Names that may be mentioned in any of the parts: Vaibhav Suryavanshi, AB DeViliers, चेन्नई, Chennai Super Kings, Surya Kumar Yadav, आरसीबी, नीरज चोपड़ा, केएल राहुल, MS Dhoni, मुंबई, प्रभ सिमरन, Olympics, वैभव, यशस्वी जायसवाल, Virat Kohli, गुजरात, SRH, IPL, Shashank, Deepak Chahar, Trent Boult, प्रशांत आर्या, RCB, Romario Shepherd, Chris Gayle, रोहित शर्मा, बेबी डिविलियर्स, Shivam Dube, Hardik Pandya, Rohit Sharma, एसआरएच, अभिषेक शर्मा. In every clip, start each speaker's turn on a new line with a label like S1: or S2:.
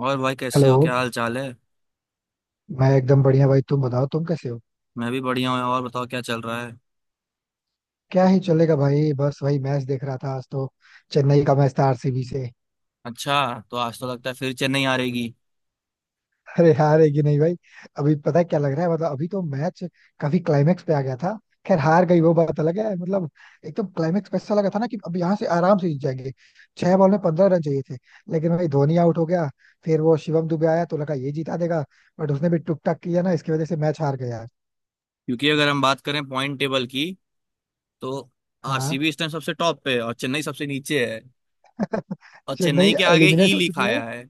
S1: और भाई कैसे
S2: हेलो।
S1: हो? क्या हाल चाल है?
S2: मैं एकदम बढ़िया भाई, तुम बताओ तुम कैसे हो।
S1: मैं भी बढ़िया हूँ। और बताओ क्या चल रहा है।
S2: क्या ही चलेगा भाई, बस वही मैच देख रहा था आज तो। चेन्नई का मैच था आरसीबी से।
S1: अच्छा, तो आज तो लगता है फिर चेन्नई आ रहेगी।
S2: अरे हार है कि नहीं भाई। अभी पता है क्या लग रहा है, मतलब अभी तो मैच काफी क्लाइमेक्स पे आ गया था। खैर हार गई वो बात अलग है, मतलब एकदम क्लाइमेक्स पे ऐसा लगा था ना कि अब यहाँ से आराम से जीत जाएंगे। छह बॉल में 15 रन चाहिए थे, लेकिन भाई धोनी आउट हो गया। फिर वो शिवम दुबे आया तो लगा ये जिता देगा, बट उसने भी टुक टाक किया ना, इसकी वजह से मैच हार गया।
S1: क्योंकि अगर हम बात करें पॉइंट टेबल की तो
S2: हाँ,
S1: आरसीबी इस टाइम सबसे टॉप पे है और चेन्नई सबसे नीचे है। और
S2: चेन्नई
S1: चेन्नई के आगे ई
S2: एलिमिनेट हो चुकी
S1: लिखा
S2: है।
S1: आया है।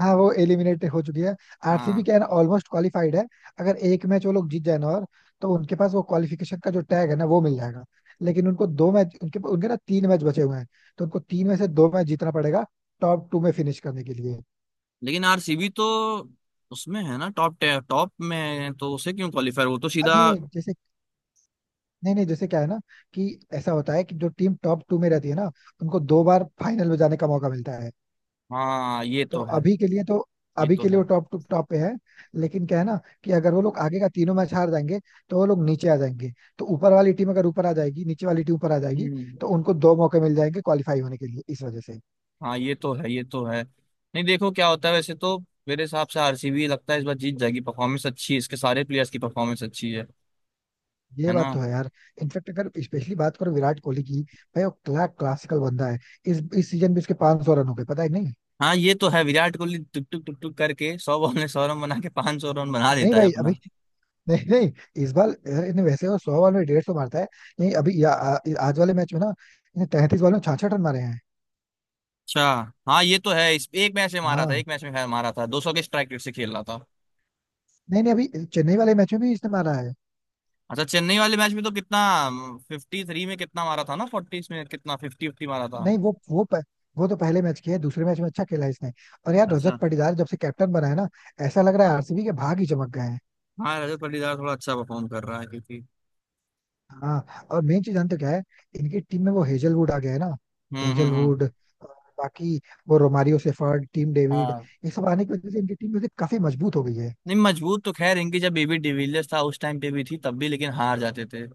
S2: हाँ वो एलिमिनेट हो चुकी है। आरसीबी
S1: हाँ।
S2: क्या है ना, ऑलमोस्ट क्वालिफाइड है। अगर एक मैच वो लोग जीत जाए ना और, तो उनके पास वो क्वालिफिकेशन का जो टैग है ना वो मिल जाएगा। लेकिन उनको दो मैच उनके उनके ना तीन मैच बचे हुए हैं। तो उनको तीन में से दो मैच जीतना पड़ेगा, टॉप टू में फिनिश करने के लिए।
S1: लेकिन आरसीबी तो उसमें है ना, टॉप टॉप में है, तो उसे क्यों क्वालिफाई, वो तो सीधा।
S2: नहीं नहीं जैसे, नहीं नहीं जैसे क्या है ना कि ऐसा होता है कि जो टीम टॉप टू में रहती है ना, उनको दो बार फाइनल में जाने का मौका मिलता है।
S1: हाँ ये
S2: तो
S1: तो है।
S2: अभी के लिए तो,
S1: ये
S2: अभी
S1: तो
S2: के लिए
S1: है।
S2: वो टॉप टू टॉप पे है। लेकिन क्या है ना कि अगर वो लोग आगे का तीनों मैच हार जाएंगे, तो वो लोग नीचे आ जाएंगे। तो ऊपर वाली टीम अगर ऊपर आ जाएगी, नीचे वाली टीम ऊपर आ जाएगी,
S1: हम्म।
S2: तो उनको दो मौके मिल जाएंगे क्वालिफाई होने के लिए, इस वजह से।
S1: हाँ ये तो है। ये तो है। नहीं, देखो क्या होता है वैसे तो। मेरे हिसाब से आरसीबी लगता है इस बार जीत जाएगी। परफॉर्मेंस अच्छी है, इसके सारे प्लेयर्स की परफॉर्मेंस अच्छी है।
S2: ये
S1: है ना?
S2: बात तो है यार। इनफेक्ट अगर स्पेशली बात करो विराट कोहली की, भाई वो क्लासिकल बंदा है। इस सीजन भी उसके 500 सौ रन हो गए, पता है कि नहीं।
S1: हाँ ये तो है। विराट कोहली टुक टुक टुक टुक करके 100 बॉल में सौ रन बना के 500 रन बना
S2: नहीं
S1: देता है
S2: भाई अभी
S1: अपना।
S2: नहीं नहीं, इस बार यार इसने, वैसे वो सौ बॉल में डेढ़ सौ मारता है। नहीं अभी आज वाले मैच में ना इसने 33 बॉल में 66 रन मारे हैं।
S1: अच्छा। हाँ ये तो है। इस एक मैच में मारा था, एक
S2: हाँ।
S1: मैच में खैर मारा था, 200 के स्ट्राइक रेट से खेल रहा था।
S2: नहीं नहीं अभी चेन्नई वाले मैच में भी इसने मारा है।
S1: अच्छा, चेन्नई वाले मैच में तो कितना 53 में कितना मारा था ना, 40 में कितना, फिफ्टी फिफ्टी मारा था।
S2: नहीं वो तो पहले मैच किया है, दूसरे मैच में अच्छा खेला है इसने। और यार
S1: अच्छा।
S2: रजत पाटीदार जब से कैप्टन बना है ना, ऐसा लग रहा है आरसीबी के भाग ही चमक गए हैं।
S1: हाँ, रजत पाटीदार थोड़ा अच्छा परफॉर्म कर रहा है क्योंकि।
S2: हाँ, और मेन चीज जानते हो क्या है। इनकी टीम में वो हेजलवुड आ गया है ना।
S1: हम्म।
S2: हेजलवुड, बाकी वो रोमारियो सेफर्ड, टीम डेविड,
S1: हम्म।
S2: ये सब आने की वजह से इनकी टीम में से काफी मजबूत हो गई है।
S1: नहीं, मजबूत तो खैर इनकी जब बेबी डिविलियर्स था उस टाइम पे भी थी, तब भी लेकिन हार जाते थे।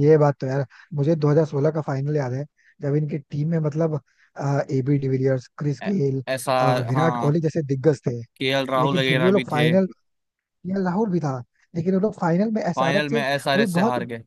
S2: ये बात तो यार, मुझे 2016 का फाइनल याद है, जब इनकी टीम में मतलब एबी डिविलियर्स, क्रिस
S1: ऐ-
S2: गेल
S1: ऐसा।
S2: और विराट
S1: हाँ।
S2: कोहली जैसे दिग्गज थे।
S1: केएल राहुल
S2: लेकिन फिर भी
S1: वगैरह
S2: वो लोग
S1: भी थे।
S2: फाइनल, लाहौर भी था, लेकिन वो लोग फाइनल में
S1: फाइनल
S2: एसआरएच
S1: में
S2: से, वही
S1: एसआरएच से
S2: बहुत,
S1: हार गए।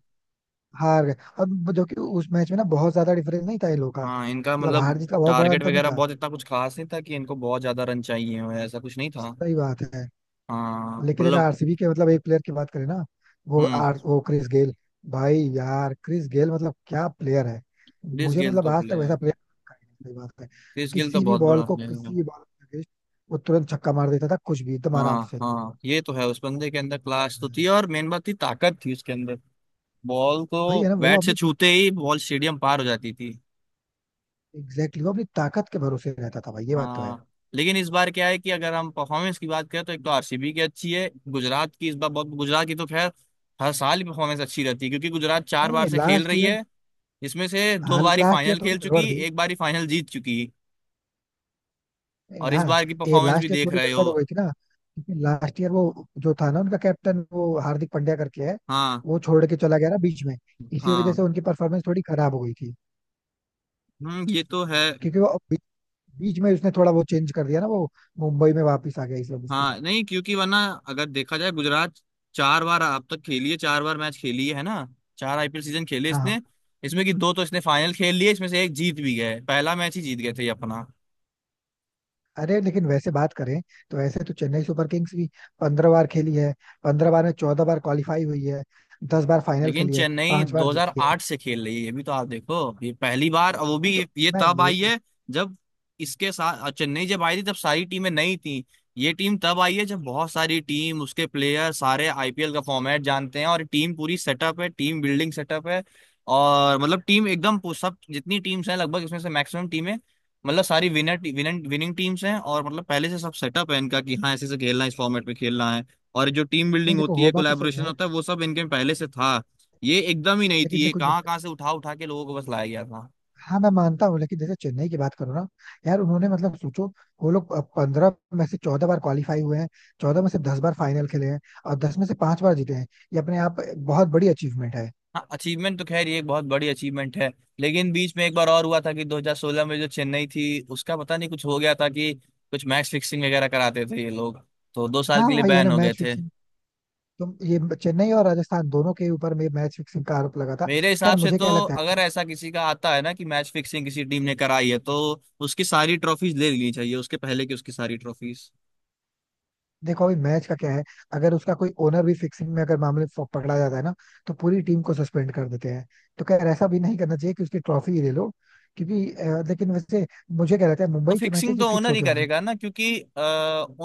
S2: हार गए। और वो- जो कि उस मैच में ना बहुत ज्यादा डिफरेंस नहीं था इन लोगों का,
S1: हाँ, इनका
S2: मतलब हार
S1: मतलब
S2: जीत का बहुत बड़ा
S1: टारगेट
S2: अंतर नहीं
S1: वगैरह
S2: था।
S1: बहुत इतना कुछ खास नहीं था कि इनको बहुत ज्यादा रन चाहिए हो, ऐसा कुछ नहीं था।
S2: सही बात है।
S1: हाँ
S2: लेकिन अगर
S1: मतलब।
S2: आरसीबी के मतलब एक प्लेयर की बात करें ना, वो
S1: हम्म।
S2: आर वो क्रिस गेल। भाई यार क्रिस गेल मतलब क्या प्लेयर है।
S1: क्रिस
S2: मुझे
S1: गेल
S2: मतलब
S1: तो
S2: आज तक वैसा
S1: प्लेयर।
S2: प्लेयर। सही बात है।
S1: क्रिस गेल तो
S2: किसी भी
S1: बहुत
S2: बॉल
S1: बड़ा
S2: को,
S1: प्लेयर
S2: किसी
S1: है।
S2: भी बॉल के अगेंस्ट, वो तुरंत छक्का मार देता था, कुछ भी एकदम आराम
S1: हाँ
S2: से।
S1: हाँ ये तो है। उस बंदे के अंदर क्लास तो थी, और मेन बात थी ताकत थी उसके अंदर। बॉल
S2: भाई
S1: को
S2: है ना वो
S1: बैट से
S2: अपनी,
S1: छूते ही बॉल स्टेडियम पार हो जाती थी।
S2: एग्जैक्टली exactly, वो अपनी ताकत के भरोसे रहता था भाई, ये बात तो है।
S1: हाँ। लेकिन इस बार क्या है कि अगर हम परफॉर्मेंस की बात करें, तो एक तो आरसीबी की अच्छी है, गुजरात की इस बार बहुत, गुजरात की तो खैर हर साल ही परफॉर्मेंस अच्छी रहती है, क्योंकि गुजरात चार
S2: नहीं
S1: बार
S2: नहीं,
S1: से खेल
S2: लास्ट
S1: रही
S2: ईयर।
S1: है, जिसमें से दो
S2: हाँ
S1: बार ही
S2: लास्ट ईयर
S1: फाइनल
S2: थोड़ी
S1: खेल
S2: गड़बड़
S1: चुकी,
S2: थी।
S1: एक बार ही फाइनल जीत चुकी। और इस
S2: हाँ,
S1: बार की
S2: ये
S1: परफॉर्मेंस भी
S2: लास्ट ईयर
S1: देख
S2: थोड़ी
S1: रहे
S2: गड़बड़ हो गई
S1: हो।
S2: थी ना, क्योंकि लास्ट ईयर वो जो था ना, उनका कैप्टन वो हार्दिक पांड्या करके है,
S1: हाँ
S2: वो छोड़ के चला गया ना बीच में। इसी वजह से
S1: हाँ।
S2: उनकी परफॉर्मेंस थोड़ी खराब हो गई थी।
S1: हम्म, ये तो है।
S2: क्योंकि बीच में उसने थोड़ा वो चेंज कर दिया ना, वो मुंबई में वापस आ गया, इस वजह से।
S1: हाँ, नहीं क्योंकि वरना अगर देखा जाए गुजरात 4 बार अब तक खेली है, 4 बार मैच खेली है ना। 4 आईपीएल सीजन खेले
S2: हाँ हाँ।
S1: इसने। इसमें कि दो तो इसने फाइनल खेल लिए, इसमें से एक जीत भी गए, पहला मैच ही जीत गए थे ये अपना।
S2: अरे लेकिन वैसे बात करें तो वैसे तो चेन्नई सुपर किंग्स भी 15 बार खेली है। 15 बार में 14 बार क्वालिफाई हुई है, 10 बार फाइनल
S1: लेकिन
S2: खेली है,
S1: चेन्नई
S2: पांच बार जीती है।
S1: 2008 से खेल रही है, ये भी तो आप देखो। ये पहली बार, और वो
S2: नहीं
S1: भी
S2: तो
S1: ये
S2: मैं
S1: तब
S2: ये
S1: आई
S2: कह-
S1: है जब, इसके साथ चेन्नई जब आई थी तब सारी टीमें नई थी। ये टीम तब आई है जब बहुत सारी टीम उसके प्लेयर सारे आईपीएल का फॉर्मेट जानते हैं, और टीम पूरी सेटअप है, टीम बिल्डिंग सेटअप है। और मतलब टीम एकदम सब जितनी टीम्स हैं लगभग इसमें से मैक्सिमम टीमें, मतलब सारी विनर विनिंग विनिंग टीम्स हैं, और मतलब पहले से सब सेटअप है इनका कि हाँ ऐसे से खेलना है, इस फॉर्मेट में खेलना है। और जो टीम
S2: नहीं
S1: बिल्डिंग
S2: देखो,
S1: होती
S2: हो
S1: है,
S2: बात तो सही
S1: कोलैबोरेशन
S2: है।
S1: होता है, वो सब इनके में पहले से था। ये एकदम ही नहीं
S2: लेकिन
S1: थी, ये
S2: देखो
S1: कहाँ
S2: जैसे,
S1: कहाँ से उठा उठा के लोगों को बस लाया गया था।
S2: हाँ मैं मानता हूँ, लेकिन जैसे चेन्नई की बात करो ना, यार उन्होंने मतलब सोचो, वो लोग 15 में से 14 बार क्वालिफाई हुए हैं, 14 में से 10 बार फाइनल खेले हैं, और 10 में से 5 बार जीते हैं। ये अपने आप बहुत बड़ी अचीवमेंट है।
S1: हाँ, अचीवमेंट तो खैर ये एक बहुत बड़ी अचीवमेंट है। लेकिन बीच में एक बार और हुआ था कि 2016 में जो चेन्नई थी उसका पता नहीं कुछ हो गया था, कि कुछ मैच फिक्सिंग वगैरह कराते थे ये लोग, तो 2 साल
S2: हाँ
S1: के लिए
S2: वही है
S1: बैन
S2: ना
S1: हो गए
S2: मैच
S1: थे।
S2: फिक्सिंग। तुम ये चेन्नई और राजस्थान दोनों के ऊपर में मैच फिक्सिंग का आरोप लगा था।
S1: मेरे
S2: खैर
S1: हिसाब से
S2: मुझे
S1: तो,
S2: क्या लगता है
S1: अगर
S2: ना,
S1: ऐसा किसी का आता है ना कि मैच फिक्सिंग किसी टीम ने कराई है, तो उसकी सारी ट्रॉफीज ले लेनी चाहिए, उसके पहले की उसकी सारी ट्रॉफीज।
S2: देखो अभी मैच का क्या है। अगर उसका कोई ओनर भी फिक्सिंग में अगर मामले पकड़ा जाता है ना, तो पूरी टीम को सस्पेंड कर देते हैं। तो खैर ऐसा भी नहीं करना चाहिए कि उसकी ट्रॉफी ही ले लो, क्योंकि लेकिन वैसे मुझे क्या लगता है,
S1: तो
S2: मुंबई के मैचेस
S1: फिक्सिंग
S2: ही
S1: तो
S2: फिक्स
S1: ओनर ही
S2: होते होंगे।
S1: करेगा ना, क्योंकि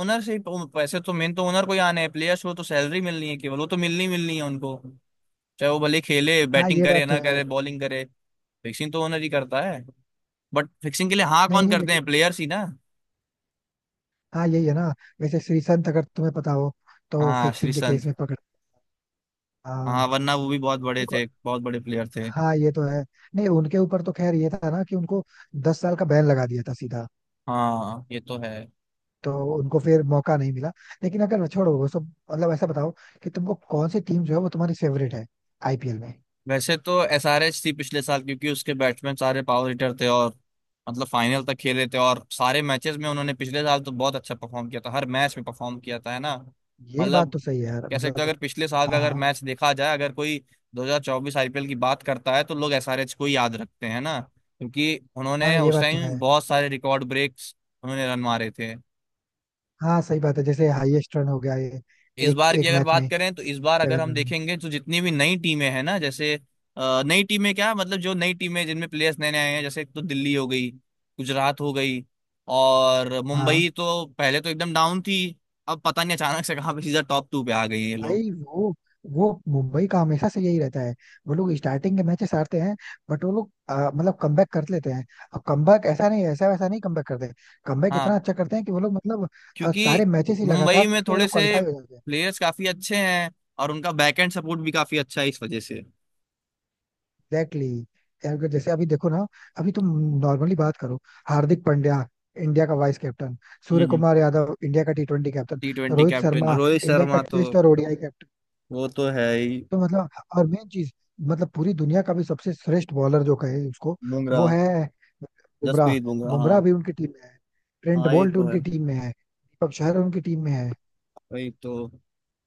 S1: ओनर से ही- तो, वैसे तो मेन तो ओनर को ही आना है, प्लेयर्स को तो सैलरी मिलनी है केवल, वो तो मिलनी ही मिलनी है उनको, चाहे वो भले खेले,
S2: हाँ
S1: बैटिंग
S2: ये
S1: करे
S2: बात तो
S1: ना
S2: है।
S1: करे, बॉलिंग करे। फिक्सिंग तो ओनर ही करता है। बट फिक्सिंग के लिए हाँ
S2: नहीं
S1: कौन
S2: नहीं
S1: करते
S2: लेकिन,
S1: हैं? प्लेयर्स ही ना।
S2: हाँ यही है ना। वैसे श्रीसंत अगर तुम्हें पता हो, तो
S1: हाँ,
S2: फिक्सिंग के केस
S1: श्रीसंत।
S2: में पकड़। हाँ।
S1: हाँ, वरना वो भी बहुत बड़े
S2: देखो,
S1: थे, बहुत बड़े प्लेयर थे।
S2: हाँ ये तो है। नहीं उनके ऊपर तो खैर ये था ना कि उनको 10 साल का बैन लगा दिया था सीधा,
S1: हाँ ये तो है।
S2: तो उनको फिर मौका नहीं मिला। लेकिन अगर छोड़ो वो सब, मतलब ऐसा बताओ कि तुमको कौन सी टीम जो है वो तुम्हारी फेवरेट है, आईपीएल में।
S1: वैसे तो एसआरएच थी पिछले साल, क्योंकि उसके बैट्समैन सारे पावर हिटर थे, और मतलब फाइनल तक खेले थे, और सारे मैचेस में उन्होंने पिछले साल तो बहुत अच्छा परफॉर्म किया था, हर मैच में परफॉर्म किया था, है ना।
S2: ये बात
S1: मतलब
S2: तो सही है यार,
S1: कह सकते हो,
S2: मतलब।
S1: अगर पिछले साल का
S2: हाँ
S1: अगर
S2: हाँ
S1: मैच देखा जाए, अगर कोई 2024 आईपीएल की बात करता है तो लोग एसआरएच को ही याद रखते हैं ना, क्योंकि
S2: हाँ।
S1: उन्होंने
S2: ये
S1: उस
S2: बात तो है।
S1: टाइम बहुत सारे रिकॉर्ड ब्रेक्स उन्होंने रन मारे थे।
S2: हाँ सही बात है, जैसे हाईएस्ट रन हो गया ये,
S1: इस
S2: एक
S1: बार की
S2: एक
S1: अगर
S2: मैच में,
S1: बात करें, तो इस बार अगर
S2: सेवन
S1: हम
S2: रन।
S1: देखेंगे तो जितनी भी नई टीमें हैं ना, जैसे, नई टीमें क्या मतलब, जो नई टीमें जिनमें प्लेयर्स नए नए आए हैं, जैसे एक तो दिल्ली हो गई, गुजरात हो गई। और
S2: हाँ
S1: मुंबई तो पहले तो एकदम डाउन थी, अब पता नहीं अचानक से कहाँ पे सीधा टॉप टू पे आ गई ये लोग।
S2: भाई। वो मुंबई का हमेशा से यही रहता है, वो लोग स्टार्टिंग के मैचेस हारते हैं, बट वो लोग मतलब कमबैक कर लेते हैं। अब कमबैक ऐसा नहीं, ऐसा वैसा नहीं कमबैक करते, कमबैक
S1: हाँ,
S2: इतना अच्छा करते हैं कि वो लोग मतलब,
S1: क्योंकि
S2: सारे मैचेस ही लगातार
S1: मुंबई में
S2: जीत के वो
S1: थोड़े
S2: लोग
S1: से
S2: क्वालिफाई हो जाते हैं।
S1: प्लेयर्स काफी अच्छे हैं, और उनका बैकएंड सपोर्ट भी काफी अच्छा है इस वजह से।
S2: एग्जैक्टली। यार अगर जैसे अभी देखो ना, अभी तुम नॉर्मली बात करो, हार्दिक पांड्या, इंडिया का वाइस कैप्टन, सूर्य
S1: हम्म।
S2: कुमार यादव, इंडिया का T twenty captain,
S1: T twenty
S2: Rohit
S1: captain
S2: Sharma,
S1: Rohit
S2: India का
S1: शर्मा तो,
S2: टेस्ट और ओडीआई कैप्टन,
S1: वो तो है ही।
S2: तो मतलब, और मेन चीज, मतलब पूरी दुनिया का भी सबसे श्रेष्ठ बॉलर जो कहे उसको, वो
S1: बुमराह,
S2: है बुमराह।
S1: जसप्रीत बुमराह।
S2: बुमराह
S1: हाँ
S2: भी उनकी टीम में है, ट्रेंट
S1: हाँ ये
S2: बोल्ट
S1: तो है,
S2: उनकी टीम में है, दीपक चहर उनकी टीम में है,
S1: वही तो,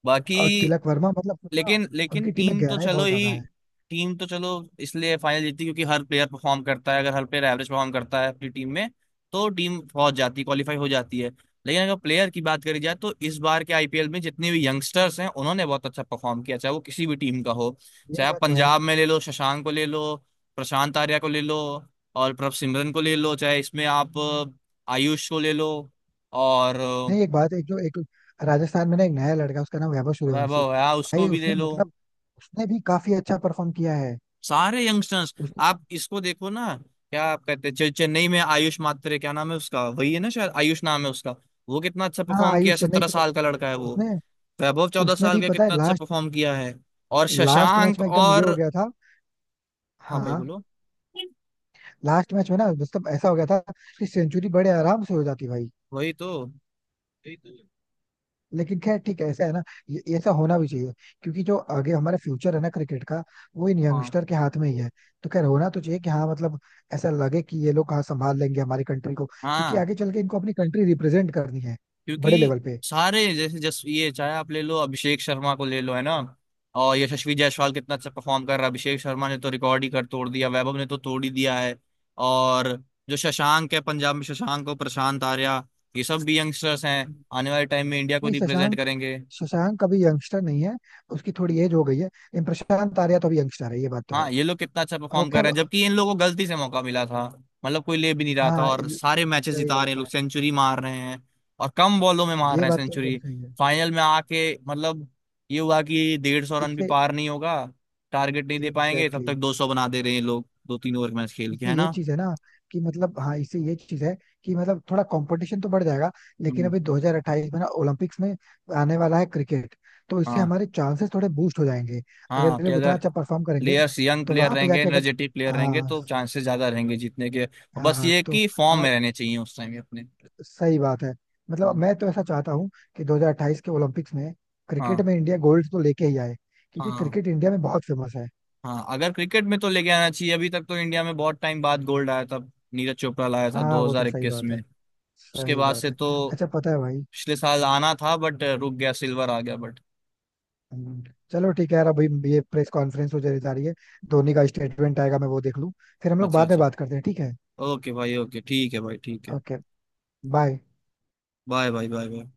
S1: बाकी।
S2: और तिलक वर्मा, मतलब पता,
S1: लेकिन लेकिन
S2: उनकी टीम में
S1: टीम तो
S2: गहराई
S1: चलो
S2: बहुत
S1: ही,
S2: ज्यादा है।
S1: टीम तो चलो इसलिए फाइनल जीतती क्योंकि हर प्लेयर परफॉर्म करता है, अगर हर प्लेयर एवरेज परफॉर्म करता है अपनी टीम में, तो टीम पहुंच जाती है, क्वालिफाई हो जाती है। लेकिन अगर प्लेयर की बात करी जाए, तो इस बार के आईपीएल में जितने भी यंगस्टर्स हैं उन्होंने बहुत अच्छा परफॉर्म किया, चाहे वो किसी भी टीम का हो।
S2: ये
S1: चाहे आप
S2: बात तो है।
S1: पंजाब में ले लो, शशांक को ले लो, प्रशांत आर्या को ले लो, और प्रभ सिमरन को ले लो, चाहे इसमें आप आयुष को ले लो। और
S2: नहीं एक बात, एक जो एक राजस्थान में ना एक नया लड़का है, उसका नाम वैभव सूर्यवंशी।
S1: वैभव है हाँ,
S2: भाई
S1: उसको भी
S2: उसने
S1: ले लो।
S2: मतलब, उसने भी काफी अच्छा परफॉर्म किया है।
S1: सारे यंगस्टर्स।
S2: उसने,
S1: आप इसको देखो ना, क्या कहते हैं चल, चेन्नई में आयुष मात्रे, क्या नाम है उसका, वही है ना, शायद आयुष नाम है उसका। वो कितना अच्छा
S2: हाँ,
S1: परफॉर्म किया,
S2: आयुष चेन्नई
S1: सत्रह
S2: से
S1: साल का लड़का है
S2: परफॉर्म
S1: वो।
S2: उसने,
S1: वैभव चौदह
S2: उसने
S1: साल
S2: भी
S1: का
S2: पता है,
S1: कितना अच्छा
S2: लास्ट,
S1: परफॉर्म किया है। और
S2: लास्ट मैच
S1: शशांक
S2: में एकदम ये हो
S1: और,
S2: गया था।
S1: हाँ भाई
S2: हाँ
S1: बोलो,
S2: लास्ट मैच में ना मतलब ऐसा हो गया था कि सेंचुरी बड़े आराम से हो जाती
S1: वही तो,
S2: भाई। लेकिन खैर ठीक है, ऐसा है ना, ये ऐसा होना भी चाहिए, क्योंकि जो आगे हमारा फ्यूचर है ना क्रिकेट का, वो इन
S1: हाँ
S2: यंगस्टर के हाथ में ही है। तो खैर होना तो चाहिए, कि हाँ मतलब ऐसा लगे कि ये लोग हाँ संभाल लेंगे हमारी कंट्री को, क्योंकि
S1: हाँ।
S2: आगे चल के इनको अपनी कंट्री रिप्रेजेंट करनी है, बड़े
S1: क्योंकि
S2: लेवल पे।
S1: सारे जैसे जस ये, चाहे आप ले लो अभिषेक शर्मा को ले लो, है ना, और यशस्वी जायसवाल कितना अच्छा परफॉर्म कर रहा है, अभिषेक शर्मा ने तो रिकॉर्ड ही कर तोड़ दिया, वैभव ने तो तोड़ ही दिया है। और जो शशांक है पंजाब में, शशांक और प्रशांत आर्या, ये सब भी यंगस्टर्स हैं, आने वाले टाइम में इंडिया को
S2: नहीं
S1: रिप्रेजेंट
S2: शशांक,
S1: करेंगे।
S2: शशांक अभी यंगस्टर नहीं है, उसकी थोड़ी एज हो गई है, लेकिन प्रशांत आर्या तो अभी यंगस्टर है, ये बात तो है।
S1: हाँ, ये लोग कितना अच्छा
S2: और
S1: परफॉर्म कर रहे
S2: खैर,
S1: हैं, जबकि इन लोगों को गलती से मौका मिला था, मतलब कोई ले भी नहीं रहा था,
S2: हाँ
S1: और
S2: सही
S1: सारे मैचेस जिता रहे
S2: बात
S1: हैं, लोग
S2: है।
S1: सेंचुरी मार रहे हैं, और कम बॉलों में मार
S2: ये
S1: रहे हैं
S2: बात तो एकदम
S1: सेंचुरी।
S2: सही है।
S1: फाइनल में आके मतलब ये हुआ कि 150 रन भी
S2: इससे,
S1: पार नहीं होगा, टारगेट नहीं दे पाएंगे, तब
S2: एग्जैक्टली,
S1: तक 200 बना दे रहे हैं ये लोग 2-3 ओवर मैच खेल के,
S2: इससे
S1: है
S2: ये
S1: ना।
S2: चीज है ना कि मतलब, हाँ इससे ये चीज है कि मतलब थोड़ा कंपटीशन तो बढ़ जाएगा। लेकिन
S1: हम्म।
S2: अभी 2028 में ना ओलंपिक्स में आने वाला है क्रिकेट, तो इससे
S1: हाँ
S2: हमारे चांसेस थोड़े बूस्ट हो जाएंगे। अगर
S1: हाँ,
S2: ये
S1: कि
S2: लोग इतना
S1: अगर
S2: अच्छा परफॉर्म करेंगे,
S1: प्लेयर्स यंग
S2: तो
S1: प्लेयर
S2: वहां पे
S1: रहेंगे,
S2: जाके अगर,
S1: एनर्जेटिक प्लेयर रहेंगे,
S2: हाँ,
S1: तो चांसेस ज्यादा रहेंगे जीतने के।
S2: हाँ
S1: बस
S2: हाँ,
S1: ये है
S2: तो
S1: कि फॉर्म में
S2: हमारे,
S1: रहने चाहिए उस टाइम अपने।
S2: सही बात है। मतलब
S1: हम्म।
S2: मैं तो ऐसा चाहता हूँ कि 2028 के ओलंपिक्स में क्रिकेट
S1: हाँ
S2: में इंडिया गोल्ड तो लेके ही आए, क्योंकि
S1: हाँ।
S2: क्रिकेट इंडिया में बहुत फेमस है।
S1: हाँ, अगर क्रिकेट में तो लेके आना चाहिए। अभी तक तो इंडिया में बहुत टाइम बाद गोल्ड आया था, नीरज चोपड़ा लाया था
S2: हाँ वो तो सही
S1: 2021
S2: बात
S1: में।
S2: है,
S1: उसके
S2: सही
S1: बाद
S2: बात
S1: से
S2: है।
S1: तो
S2: अच्छा पता है भाई,
S1: पिछले साल आना था, बट रुक गया, सिल्वर आ गया, बट।
S2: हम्म, चलो ठीक है यार। अभी ये प्रेस कॉन्फ्रेंस हो जा रही है, धोनी का स्टेटमेंट आएगा, मैं वो देख लूँ, फिर हम लोग
S1: अच्छा
S2: बाद में
S1: अच्छा,
S2: बात करते हैं, ठीक है।
S1: ओके भाई, ओके ठीक है भाई, ठीक है।
S2: Okay. Bye.
S1: Bye bye bye bye.